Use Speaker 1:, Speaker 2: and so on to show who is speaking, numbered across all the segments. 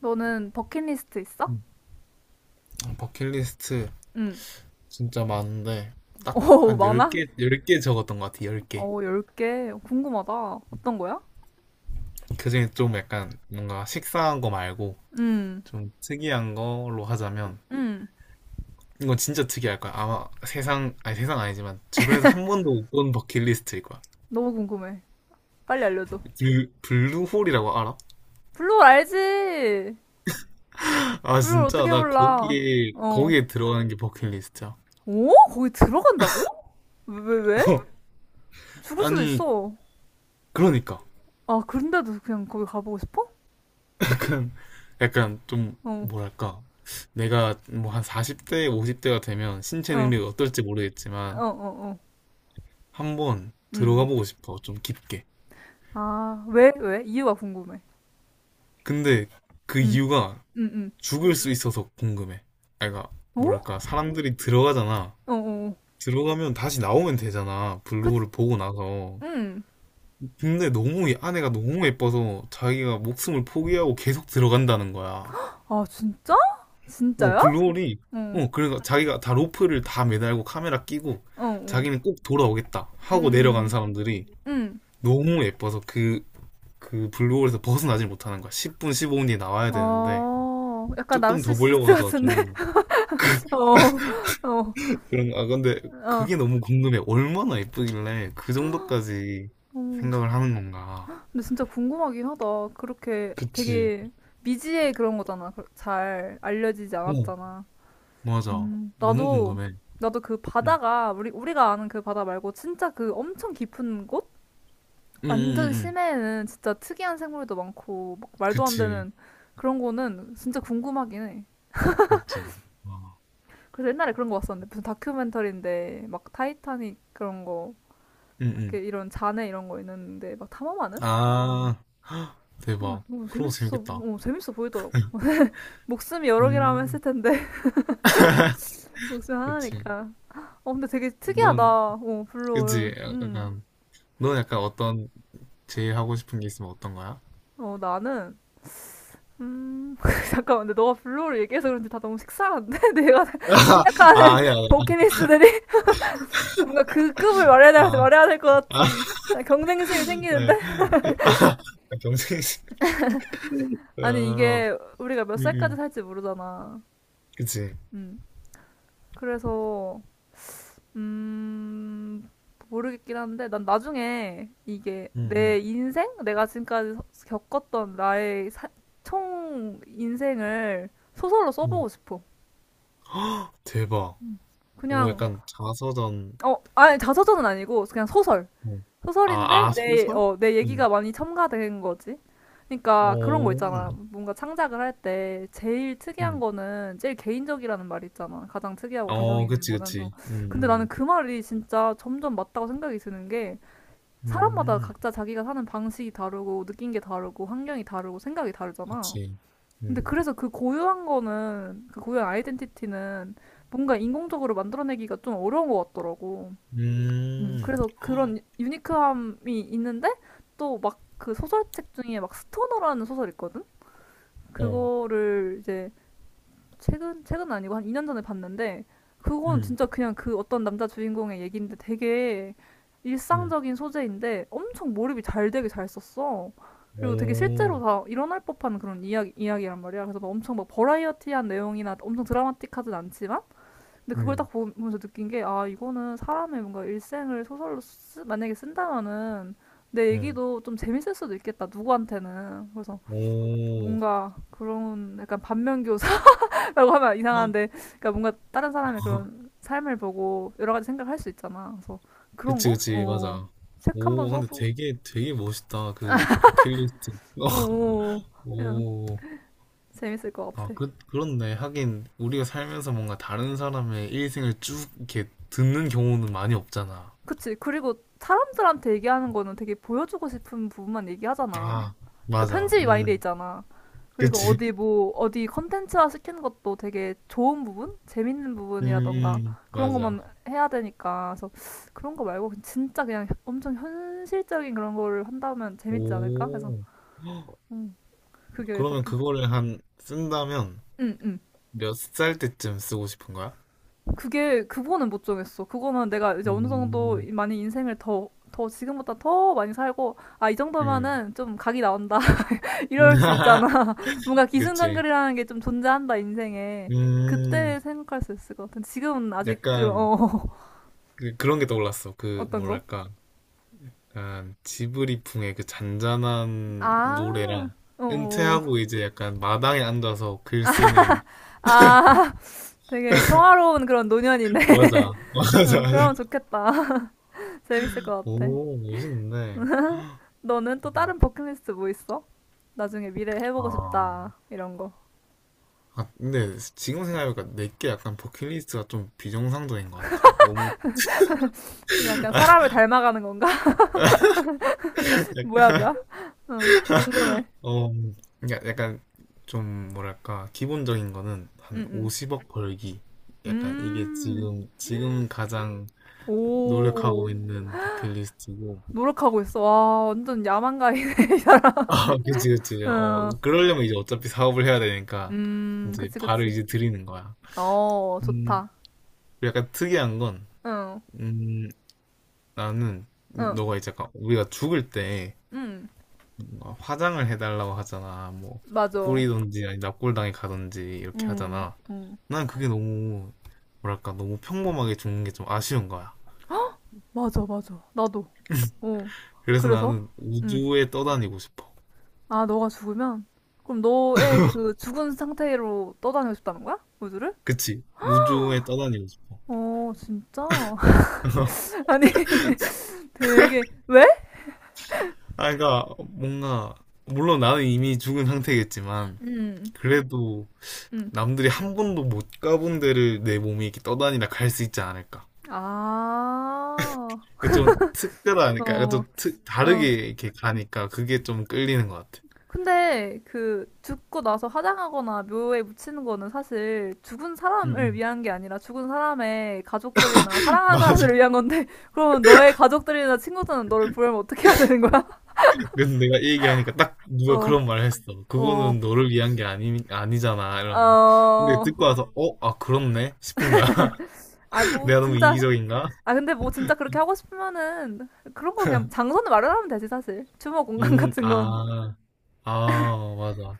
Speaker 1: 너는 버킷리스트 있어?
Speaker 2: 음, 아, 버킷리스트
Speaker 1: 응.
Speaker 2: 진짜 많은데 딱
Speaker 1: 오,
Speaker 2: 한
Speaker 1: 많아?
Speaker 2: 10개, 10개 적었던 것 같아, 10개.
Speaker 1: 오, 10개. 궁금하다. 어떤 거야?
Speaker 2: 그중에 좀 약간 뭔가 식상한 거 말고
Speaker 1: 응,
Speaker 2: 좀 특이한 걸로 하자면
Speaker 1: 응.
Speaker 2: 이건 진짜 특이할 거야. 아마 세상, 아니 세상 아니지만 주변에서 한 번도 못 본 버킷리스트일 거야.
Speaker 1: 너무 궁금해. 빨리 알려줘.
Speaker 2: 블루홀이라고 알아?
Speaker 1: 블루홀 알지?
Speaker 2: 아
Speaker 1: 블루홀
Speaker 2: 진짜
Speaker 1: 어떻게
Speaker 2: 나
Speaker 1: 몰라?
Speaker 2: 거기에
Speaker 1: 어.
Speaker 2: 거기에 들어가는 게 버킷리스트야.
Speaker 1: 오? 거기 들어간다고? 왜, 왜, 왜? 죽을 수도
Speaker 2: 아니
Speaker 1: 있어.
Speaker 2: 그러니까
Speaker 1: 아, 그런데도 그냥 거기 가보고 싶어?
Speaker 2: 약간 좀
Speaker 1: 어,
Speaker 2: 뭐랄까 내가 뭐 한 40대, 50대가 되면 신체
Speaker 1: 어,
Speaker 2: 능력이 어떨지
Speaker 1: 어,
Speaker 2: 모르겠지만
Speaker 1: 어, 어.
Speaker 2: 한번 들어가
Speaker 1: 음.
Speaker 2: 보고 싶어. 좀 깊게.
Speaker 1: 아, 왜, 왜? 이유가 궁금해.
Speaker 2: 근데 그
Speaker 1: 응,
Speaker 2: 이유가
Speaker 1: 응,
Speaker 2: 죽을 수 있어서 궁금해. 아이가
Speaker 1: 응. 어?
Speaker 2: 뭐랄까 사람들이 들어가잖아.
Speaker 1: 어, 어.
Speaker 2: 들어가면 다시 나오면 되잖아.
Speaker 1: 그,
Speaker 2: 블루홀을 보고 나서.
Speaker 1: 응.
Speaker 2: 근데 너무 이 안에가 너무 예뻐서 자기가 목숨을 포기하고 계속 들어간다는 거야.
Speaker 1: 아, 진짜?
Speaker 2: 어,
Speaker 1: 진짜요?
Speaker 2: 블루홀이,
Speaker 1: 응,
Speaker 2: 어, 그래서 자기가 다 로프를 다 매달고 카메라 끼고
Speaker 1: 어, 응,
Speaker 2: 자기는 꼭 돌아오겠다 하고 내려간
Speaker 1: 음,
Speaker 2: 사람들이
Speaker 1: 음.
Speaker 2: 너무 예뻐서 그 블루홀에서 벗어나질 못하는 거야. 10분, 15분 뒤에 나와야 되는데
Speaker 1: 어, 약간
Speaker 2: 조금 더 보려고
Speaker 1: 나르시시스트
Speaker 2: 하다가
Speaker 1: 같은데?
Speaker 2: 좀
Speaker 1: 어, 어,
Speaker 2: 그런, 아, 근데
Speaker 1: 어.
Speaker 2: 그게 너무 궁금해. 얼마나 예쁘길래 그 정도까지
Speaker 1: 음.
Speaker 2: 생각을 하는 건가.
Speaker 1: 근데 진짜 궁금하긴 하다. 그렇게
Speaker 2: 그치.
Speaker 1: 되게 미지의 그런 거잖아. 잘 알려지지
Speaker 2: 어,
Speaker 1: 않았잖아.
Speaker 2: 맞아. 너무
Speaker 1: 나도,
Speaker 2: 궁금해.
Speaker 1: 나도 그
Speaker 2: 응,
Speaker 1: 바다가, 우리, 우리가 아는 그 바다 말고 진짜 그 엄청 깊은 곳?
Speaker 2: 응, 응, 응.
Speaker 1: 완전
Speaker 2: 응.
Speaker 1: 심해에는 진짜 특이한 생물도 많고, 막 말도 안
Speaker 2: 그치.
Speaker 1: 되는 그런 거는 진짜 궁금하긴 해.
Speaker 2: 맞지. 와.
Speaker 1: 그래서 옛날에 그런 거 봤었는데 무슨 다큐멘터리인데 막 타이타닉 그런 거
Speaker 2: 응,
Speaker 1: 이렇게
Speaker 2: 응.
Speaker 1: 이런 잔해 이런 거 있는데 막 탐험하는?
Speaker 2: 아,
Speaker 1: 어,
Speaker 2: 대박.
Speaker 1: 너무
Speaker 2: 그런 거
Speaker 1: 재밌어,
Speaker 2: 재밌겠다.
Speaker 1: 어, 재밌어 보이더라고. 목숨이 여러 개라면
Speaker 2: 음,
Speaker 1: 했을 텐데 목숨
Speaker 2: 그치.
Speaker 1: 하나니까. 어 근데 되게 특이하다.
Speaker 2: 넌,
Speaker 1: 어 블루홀.
Speaker 2: 그치.
Speaker 1: 음.
Speaker 2: 약간, 넌 약간 어떤, 제일 하고 싶은 게 있으면 어떤 거야?
Speaker 1: 어 나는 음 잠깐만 근데 너가 블루홀 얘기해서 그런지 다 너무 식상한데 내가
Speaker 2: 아,
Speaker 1: 생각하는
Speaker 2: 아니야. 아니야.
Speaker 1: 버킷리스트들이 뭔가 그 급을
Speaker 2: 아,
Speaker 1: 말해야 될 것
Speaker 2: 아,
Speaker 1: 같은 경쟁심이 생기는데
Speaker 2: 네. 아, 경쟁이,
Speaker 1: 아니
Speaker 2: 아,
Speaker 1: 이게 우리가 몇
Speaker 2: 응,
Speaker 1: 살까지
Speaker 2: 응.
Speaker 1: 살지 모르잖아.
Speaker 2: 그치.
Speaker 1: 음. 그래서 음 모르겠긴 한데 난 나중에 이게
Speaker 2: 응,
Speaker 1: 내
Speaker 2: 응,
Speaker 1: 인생 내가 지금까지 겪었던 나의 총 인생을 소설로
Speaker 2: 응.
Speaker 1: 써보고 싶어.
Speaker 2: 헉, 대박. 오,
Speaker 1: 그냥
Speaker 2: 약간 자서전,
Speaker 1: 어 아니 자서전은 아니고 그냥 소설.
Speaker 2: 어. 아,
Speaker 1: 소설인데
Speaker 2: 아,
Speaker 1: 내,
Speaker 2: 소설?
Speaker 1: 어, 내
Speaker 2: 응.
Speaker 1: 얘기가 많이 첨가된 거지.
Speaker 2: 어,
Speaker 1: 그러니까 그런 거 있잖아. 뭔가 창작을 할 때 제일 특이한
Speaker 2: 응.
Speaker 1: 거는 제일 개인적이라는 말이 있잖아. 가장 특이하고 개성이
Speaker 2: 어,
Speaker 1: 있는
Speaker 2: 그치,
Speaker 1: 거는. 어.
Speaker 2: 그치. 응,
Speaker 1: 근데 나는
Speaker 2: 응.
Speaker 1: 그 말이 진짜 점점 맞다고 생각이 드는 게 사람마다
Speaker 2: 음,
Speaker 1: 각자 자기가 사는 방식이 다르고 느낀 게 다르고 환경이 다르고 생각이 다르잖아.
Speaker 2: 그치.
Speaker 1: 근데
Speaker 2: 응.
Speaker 1: 그래서 그 고유한 거는 그 고유한 아이덴티티는 뭔가 인공적으로 만들어내기가 좀 어려운 것 같더라고.
Speaker 2: 음.
Speaker 1: 그래서
Speaker 2: 헉,
Speaker 1: 그런 유니크함이 있는데 또 막 그 소설책 중에 막 스토너라는 소설 있거든?
Speaker 2: 어.
Speaker 1: 그거를 이제 최근 최근 아니고 한 2년 전에 봤는데 그건
Speaker 2: 음.
Speaker 1: 진짜 그냥 그 어떤 남자 주인공의 얘기인데 되게
Speaker 2: 음.
Speaker 1: 일상적인 소재인데 엄청 몰입이 잘 되게 잘 썼어. 그리고 되게 실제로
Speaker 2: 오.
Speaker 1: 다 일어날 법한 그런 이야기, 이야기란 말이야. 그래서 막 엄청 막 버라이어티한 내용이나 엄청 드라마틱하진 않지만 근데 그걸 딱
Speaker 2: 음.
Speaker 1: 보면서 느낀 게, 아, 이거는 사람의 뭔가 일생을 소설로 쓰, 만약에 쓴다면은 내
Speaker 2: 음.
Speaker 1: 얘기도 좀 재밌을 수도 있겠다, 누구한테는. 그래서
Speaker 2: 오.
Speaker 1: 뭔가 그런 약간 반면교사라고 하면 이상한데, 그러니까 뭔가 다른 사람의 그런 삶을 보고 여러 가지 생각할 수 있잖아. 그래서 그런
Speaker 2: 그치,
Speaker 1: 거?
Speaker 2: 그치.
Speaker 1: 어,
Speaker 2: 맞아.
Speaker 1: 책 한 번
Speaker 2: 오, 근데
Speaker 1: 써보고,
Speaker 2: 되게, 되게 멋있다. 그, 버킷리스트. 어.
Speaker 1: 어, 어, 어. 그냥
Speaker 2: 오.
Speaker 1: 재밌을 것
Speaker 2: 아,
Speaker 1: 같아.
Speaker 2: 그, 그렇네. 하긴, 우리가 살면서 뭔가 다른 사람의 일생을 쭉 이렇게 듣는 경우는 많이 없잖아.
Speaker 1: 그치. 그리고 사람들한테 얘기하는 거는 되게 보여주고 싶은 부분만 얘기하잖아.
Speaker 2: 아,
Speaker 1: 그러니까
Speaker 2: 맞아.
Speaker 1: 편집이 많이 돼
Speaker 2: 음.
Speaker 1: 있잖아. 그리고
Speaker 2: 그치.
Speaker 1: 어디 뭐, 어디 컨텐츠화 시키는 것도 되게 좋은 부분? 재밌는 부분이라던가 그런
Speaker 2: 맞아.
Speaker 1: 것만 해야 되니까. 그래서 그런 거 말고 그냥 진짜 그냥 엄청 현실적인 그런 거를 한다면 재밌지 않을까? 그래서,
Speaker 2: 오.
Speaker 1: 음, 그게
Speaker 2: 그러면
Speaker 1: 밖에.
Speaker 2: 그거를 한, 쓴다면,
Speaker 1: 응, 응.
Speaker 2: 몇 살 때쯤 쓰고 싶은 거야?
Speaker 1: 그게, 그거는 못 정했어. 그거는 내가 이제 어느 정도
Speaker 2: 음,
Speaker 1: 많이 인생을 더, 더 지금보다 더 많이 살고, 아, 이
Speaker 2: 음.
Speaker 1: 정도면은 좀 각이 나온다. 이럴 수 있잖아. 뭔가
Speaker 2: 그치.
Speaker 1: 기승전결이라는 게 좀 존재한다, 인생에.
Speaker 2: 음,
Speaker 1: 그때 생각할 수 있을 것 같은. 지금은 아직 그,
Speaker 2: 약간,
Speaker 1: 어,
Speaker 2: 그, 그런 게 떠올랐어. 그,
Speaker 1: 어떤 거?
Speaker 2: 뭐랄까. 약간, 지브리풍의 그 잔잔한
Speaker 1: 아,
Speaker 2: 노래랑,
Speaker 1: 어, 어, 어.
Speaker 2: 은퇴하고 이제 약간 마당에 앉아서 글 쓰는,
Speaker 1: 아, 되게 평화로운 그런 노년이네.
Speaker 2: 맞아, 맞아,
Speaker 1: 어,
Speaker 2: 맞아.
Speaker 1: 그러면 좋겠다. 재밌을 것 같아.
Speaker 2: 오, 멋있네.
Speaker 1: 너는 또
Speaker 2: 대박.
Speaker 1: 다른 버킷리스트 뭐 있어? 나중에 미래에 해보고
Speaker 2: 아,
Speaker 1: 싶다. 이런 거.
Speaker 2: 아, 근데 지금 생각해보니까 내게 약간 버킷리스트가 좀 비정상적인 것 같아. 너무
Speaker 1: 이거 약간 사람을 닮아가는 건가? 뭐야, 뭐야? 어, 궁금해.
Speaker 2: 어, 그러니까 약간 좀 뭐랄까 기본적인 거는 한
Speaker 1: 응,
Speaker 2: 50억 벌기.
Speaker 1: 응.
Speaker 2: 약간 이게 지금 가장
Speaker 1: 오.
Speaker 2: 노력하고 있는 버킷리스트고.
Speaker 1: 노력하고 있어. 와, 완전 야망가이네.
Speaker 2: 아, 그치, 그치. 어,
Speaker 1: 응.
Speaker 2: 그러려면 이제 어차피 사업을 해야 되니까 이제
Speaker 1: 그치,
Speaker 2: 발을
Speaker 1: 그치.
Speaker 2: 이제 들이는 거야.
Speaker 1: 어,
Speaker 2: 음,
Speaker 1: 좋다.
Speaker 2: 약간 특이한 건,
Speaker 1: 응,
Speaker 2: 음, 나는
Speaker 1: 응,
Speaker 2: 너가 이제 약간 우리가 죽을 때
Speaker 1: 응.
Speaker 2: 뭔가 화장을 해달라고 하잖아. 뭐
Speaker 1: 맞아.
Speaker 2: 뿌리든지 아니 납골당에 가든지 이렇게
Speaker 1: 응,
Speaker 2: 하잖아.
Speaker 1: 응.
Speaker 2: 난 그게 너무 뭐랄까 너무 평범하게 죽는 게 좀 아쉬운 거야.
Speaker 1: 맞아, 맞아. 나도. 어.
Speaker 2: 그래서
Speaker 1: 그래서?
Speaker 2: 나는
Speaker 1: 응.
Speaker 2: 우주에 떠다니고 싶어.
Speaker 1: 아, 너가 죽으면? 그럼 너의 그 죽은 상태로 떠다니고 싶다는 거야? 우주를?
Speaker 2: 그치? 우주에 떠다니고 싶어.
Speaker 1: 어, 진짜? 아니, 되게, 왜?
Speaker 2: 아, 그러니까 뭔가 물론 나는 이미 죽은 상태겠지만
Speaker 1: 응,
Speaker 2: 그래도
Speaker 1: 응.
Speaker 2: 남들이 한 번도 못 가본 데를 내 몸이 이렇게 떠다니다 갈 수 있지 않을까?
Speaker 1: 아,
Speaker 2: 이게 좀 특별하니까, 약간
Speaker 1: 어,
Speaker 2: 좀 특- 다르게
Speaker 1: 어.
Speaker 2: 이렇게 가니까 그게 좀 끌리는 것 같아.
Speaker 1: 근데 그 죽고 나서 화장하거나 묘에 묻히는 거는 사실 죽은
Speaker 2: 응,
Speaker 1: 사람을
Speaker 2: 응.
Speaker 1: 위한 게 아니라 죽은 사람의 가족들이나 사랑하는
Speaker 2: 맞아.
Speaker 1: 사람들을 위한 건데 그러면 너의 가족들이나 친구들은 너를 보려면 어떻게 해야 되는 거야?
Speaker 2: 그래서 내가 이 얘기하니까 딱 누가
Speaker 1: 어,
Speaker 2: 그런 말을 했어.
Speaker 1: 어,
Speaker 2: 그거는 너를 위한 게 아니, 아니잖아. 이런 거. 근데
Speaker 1: 어,
Speaker 2: 듣고 와서, 어? 아, 그렇네? 싶은 거야.
Speaker 1: 아, 뭐,
Speaker 2: 내가 너무
Speaker 1: 진짜.
Speaker 2: 이기적인가?
Speaker 1: 아, 근데 뭐 진짜 그렇게 하고 싶으면은 그런 거 그냥 장소는 마련하면 되지, 사실. 추모 공간 같은 건.
Speaker 2: 아, 아, 맞아.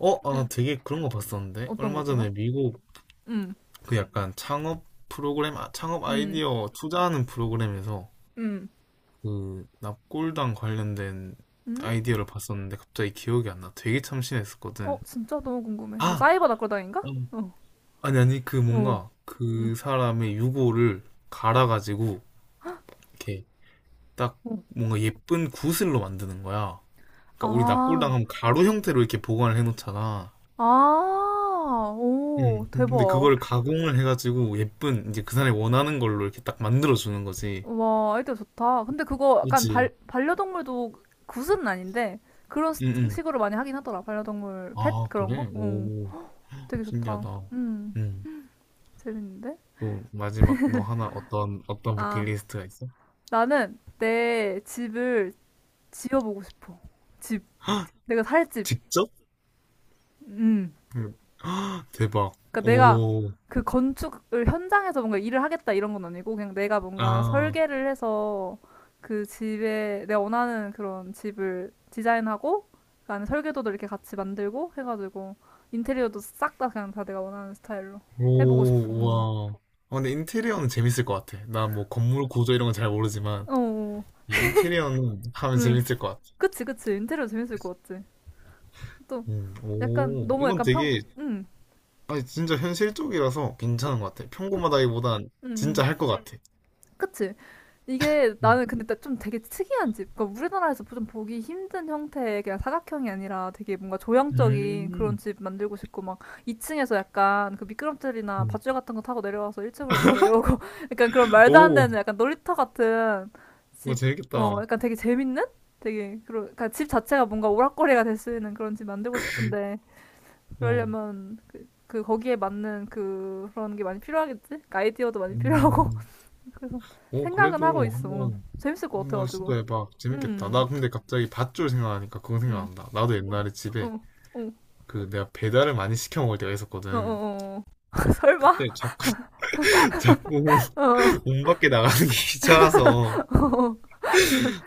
Speaker 2: 어? 아,
Speaker 1: 그냥
Speaker 2: 되게 그런 거 봤었는데?
Speaker 1: 어떤 거,
Speaker 2: 얼마
Speaker 1: 어떤 거?
Speaker 2: 전에 미국
Speaker 1: 음,
Speaker 2: 그 약간 창업 프로그램, 아, 창업
Speaker 1: 음,
Speaker 2: 아이디어 투자하는 프로그램에서
Speaker 1: 음,
Speaker 2: 그 납골당 관련된
Speaker 1: 음?
Speaker 2: 아이디어를 봤었는데 갑자기 기억이 안 나. 되게
Speaker 1: 어,
Speaker 2: 참신했었거든.
Speaker 1: 진짜 너무 궁금해. 뭐
Speaker 2: 아!
Speaker 1: 사이버 낙골당인가?
Speaker 2: 음.
Speaker 1: 어,
Speaker 2: 아니, 아니, 그
Speaker 1: 어.
Speaker 2: 뭔가
Speaker 1: 음.
Speaker 2: 그 사람의 유골을 갈아가지고 이렇게 딱 뭔가 예쁜 구슬로 만드는 거야. 그러니까 우리
Speaker 1: 아,
Speaker 2: 납골당하면 가루 형태로 이렇게 보관을 해놓잖아.
Speaker 1: 아, 오,
Speaker 2: 음. 근데
Speaker 1: 대박.
Speaker 2: 그걸 가공을 해가지고 예쁜 이제 그 사람이 원하는 걸로 이렇게 딱 만들어주는 거지.
Speaker 1: 와, 아이디어 좋다. 근데 그거 약간
Speaker 2: 그치.
Speaker 1: 반려동물도 굿은 아닌데, 그런
Speaker 2: 응, 응.
Speaker 1: 식으로 많이 하긴 하더라. 반려동물, 펫
Speaker 2: 아,
Speaker 1: 그런
Speaker 2: 그래?
Speaker 1: 거? 응,
Speaker 2: 오,
Speaker 1: 되게 좋다.
Speaker 2: 신기하다.
Speaker 1: 음,
Speaker 2: 응.
Speaker 1: 재밌는데?
Speaker 2: 또 마지막 너 하나 어떤 어떤
Speaker 1: 아,
Speaker 2: 버킷리스트가 있어?
Speaker 1: 나는 내 집을 지어보고 싶어. 집. 내가 살 집.
Speaker 2: 직접?
Speaker 1: 음.
Speaker 2: 응. 헉, 대박.
Speaker 1: 그러니까 내가
Speaker 2: 오.
Speaker 1: 그 건축을 현장에서 뭔가 일을 하겠다 이런 건 아니고 그냥 내가 뭔가
Speaker 2: 아.
Speaker 1: 설계를 해서 그 집에 내가 원하는 그런 집을 디자인하고 그 안에 설계도도 이렇게 같이 만들고 해가지고 인테리어도 싹 다 그냥 다 내가 원하는 스타일로 해보고 싶어.
Speaker 2: 오,
Speaker 1: 응.
Speaker 2: 와. 아, 근데 인테리어는 재밌을 것 같아. 나 뭐 건물 구조 이런 건 잘 모르지만
Speaker 1: 어, 어, 어.
Speaker 2: 이 인테리어는 하면
Speaker 1: 응.
Speaker 2: 재밌을 것 같아.
Speaker 1: 그치, 그치. 인테리어 재밌을 것 같지. 또 약간
Speaker 2: 오,
Speaker 1: 너무
Speaker 2: 이건
Speaker 1: 약간 평,
Speaker 2: 되게
Speaker 1: 응.
Speaker 2: 아니 진짜 현실적이라서
Speaker 1: 그,
Speaker 2: 괜찮은 것 같아.
Speaker 1: 그,
Speaker 2: 평범하다기보단
Speaker 1: 응. 응.
Speaker 2: 진짜 할 것 같아.
Speaker 1: 그치? 이게
Speaker 2: 음,
Speaker 1: 나는 근데 좀 되게 특이한 집. 그러니까 우리나라에서 좀 보기 힘든 형태의 그냥 사각형이 아니라 되게 뭔가 조형적인 그런
Speaker 2: 음,
Speaker 1: 집 만들고 싶고 막 2층에서 약간 그 미끄럼틀이나
Speaker 2: 음.
Speaker 1: 밧줄 같은 거 타고 내려와서 1층으로 막 내려오고 약간 그런 말도 안
Speaker 2: 오,
Speaker 1: 되는 약간 놀이터 같은
Speaker 2: 오
Speaker 1: 집. 어,
Speaker 2: 재밌겠다.
Speaker 1: 약간 되게 재밌는? 되게 그런 그러니까 집 자체가 뭔가 오락거리가 될 수 있는 그런 집 만들고 싶은데
Speaker 2: 어,
Speaker 1: 그러려면 그, 그 거기에 맞는 그, 그런 게 많이 필요하겠지? 그러니까 아이디어도 많이 필요하고
Speaker 2: 음,
Speaker 1: 그래서
Speaker 2: 오
Speaker 1: 생각은 하고
Speaker 2: 그래도
Speaker 1: 있어.
Speaker 2: 한번
Speaker 1: 재밌을 것
Speaker 2: 한번
Speaker 1: 같아가지고.
Speaker 2: 시도해봐. 재밌겠다.
Speaker 1: 음,
Speaker 2: 나 근데 갑자기 밧줄 생각하니까 그거
Speaker 1: 음.
Speaker 2: 생각난다. 나도 옛날에
Speaker 1: 어,
Speaker 2: 집에
Speaker 1: 어,
Speaker 2: 그 내가 배달을 많이 시켜 먹을 때가
Speaker 1: 어,
Speaker 2: 있었거든.
Speaker 1: 어, 어. 설마?
Speaker 2: 그때 자꾸
Speaker 1: 어,
Speaker 2: 문 밖에 나가는 게 귀찮아서
Speaker 1: 어,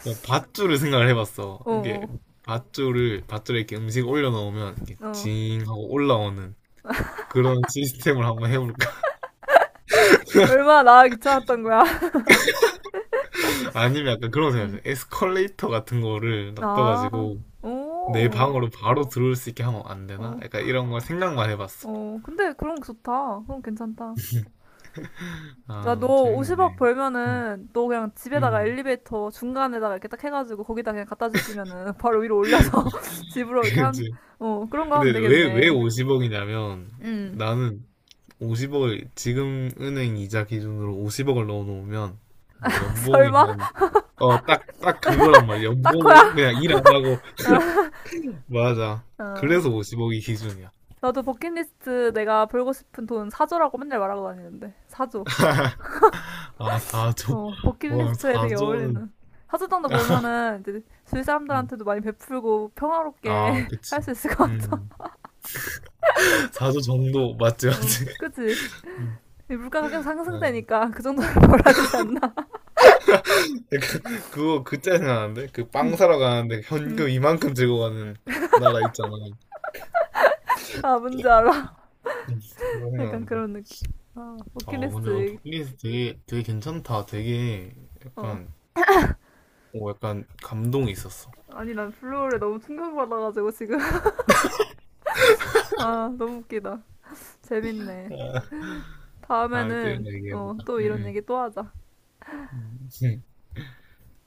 Speaker 2: 그냥 밧줄을 생각을 해봤어.
Speaker 1: 어,
Speaker 2: 이게
Speaker 1: 어,
Speaker 2: 밧줄을 밧줄에 이렇게 음식 올려놓으면 이게
Speaker 1: 어.
Speaker 2: 징 하고 올라오는 그런 시스템을 한번 해볼까?
Speaker 1: 얼마나 나 귀찮았던 거야.
Speaker 2: 아니면 약간 그런
Speaker 1: 음.
Speaker 2: 생각했어요. 에스컬레이터 같은 거를
Speaker 1: 아,
Speaker 2: 놔둬가지고 내
Speaker 1: 오,
Speaker 2: 방으로 바로 들어올 수 있게 하면 안 되나?
Speaker 1: 어,
Speaker 2: 약간 이런 걸 생각만 해봤어.
Speaker 1: 어. 근데 그런 거 좋다. 그럼 괜찮다. 야,
Speaker 2: 아
Speaker 1: 너 50억
Speaker 2: 재밌네. 음,
Speaker 1: 벌면은 너 그냥 집에다가
Speaker 2: 음.
Speaker 1: 엘리베이터 중간에다가 이렇게 딱 해가지고 거기다 그냥 갖다 주시면은 바로 위로 올려서 집으로 이렇게 한,
Speaker 2: 그치.
Speaker 1: 어, 그런 거
Speaker 2: 근데
Speaker 1: 하면
Speaker 2: 왜
Speaker 1: 되겠네.
Speaker 2: 50억이냐면
Speaker 1: 음.
Speaker 2: 나는 50억을 지금 은행 이자 기준으로 50억을 넣어놓으면 뭐 연봉이
Speaker 1: 설마?
Speaker 2: 한, 어, 딱, 딱 그거란 말이야.
Speaker 1: 따코
Speaker 2: 연봉으로
Speaker 1: 야
Speaker 2: 그냥 일 안 하고 맞아.
Speaker 1: 어.
Speaker 2: 그래서 50억이 기준이야.
Speaker 1: 나도 버킷리스트 내가 벌고 싶은 돈 사조라고 맨날 말하고 다니는데 사조
Speaker 2: 아, 4조.
Speaker 1: 어,
Speaker 2: 와,
Speaker 1: 버킷리스트에 되게
Speaker 2: 4조는.
Speaker 1: 어울리는. 사조 정도 벌면은 이제 주위
Speaker 2: 음.
Speaker 1: 사람들한테도 많이 베풀고
Speaker 2: 아,
Speaker 1: 평화롭게 할 수
Speaker 2: 그치.
Speaker 1: 있을 것 같아.
Speaker 2: 음. 4조 정도, 맞지,
Speaker 1: 어,
Speaker 2: 맞지.
Speaker 1: 그치?
Speaker 2: 음.
Speaker 1: 이 물가가 계속
Speaker 2: 아, 그거,
Speaker 1: 상승되니까 그 정도는 벌어지지 않나?
Speaker 2: 그짜 생각나는데? 그 빵 사러 가는데
Speaker 1: 음.
Speaker 2: 현금 이만큼 들고 가는 나라 있잖아.
Speaker 1: 아, 뭔지 알아.
Speaker 2: 그거
Speaker 1: 약간
Speaker 2: 생각난다.
Speaker 1: 그런 느낌. 아,
Speaker 2: 어, 근데
Speaker 1: 버킷리스트 얘기.
Speaker 2: 버킷리스트 되게, 되게 괜찮다. 되게
Speaker 1: 어.
Speaker 2: 약간, 오, 약간 감동이 있었어.
Speaker 1: 아니, 난 플로우에 너무 충격받아가지고 지금. 아, 너무 웃기다. 재밌네.
Speaker 2: 아, 또 이런
Speaker 1: 다음에는
Speaker 2: 거
Speaker 1: 어,
Speaker 2: 얘기해보자.
Speaker 1: 또 이런
Speaker 2: 응,
Speaker 1: 얘기 또 하자.
Speaker 2: 응.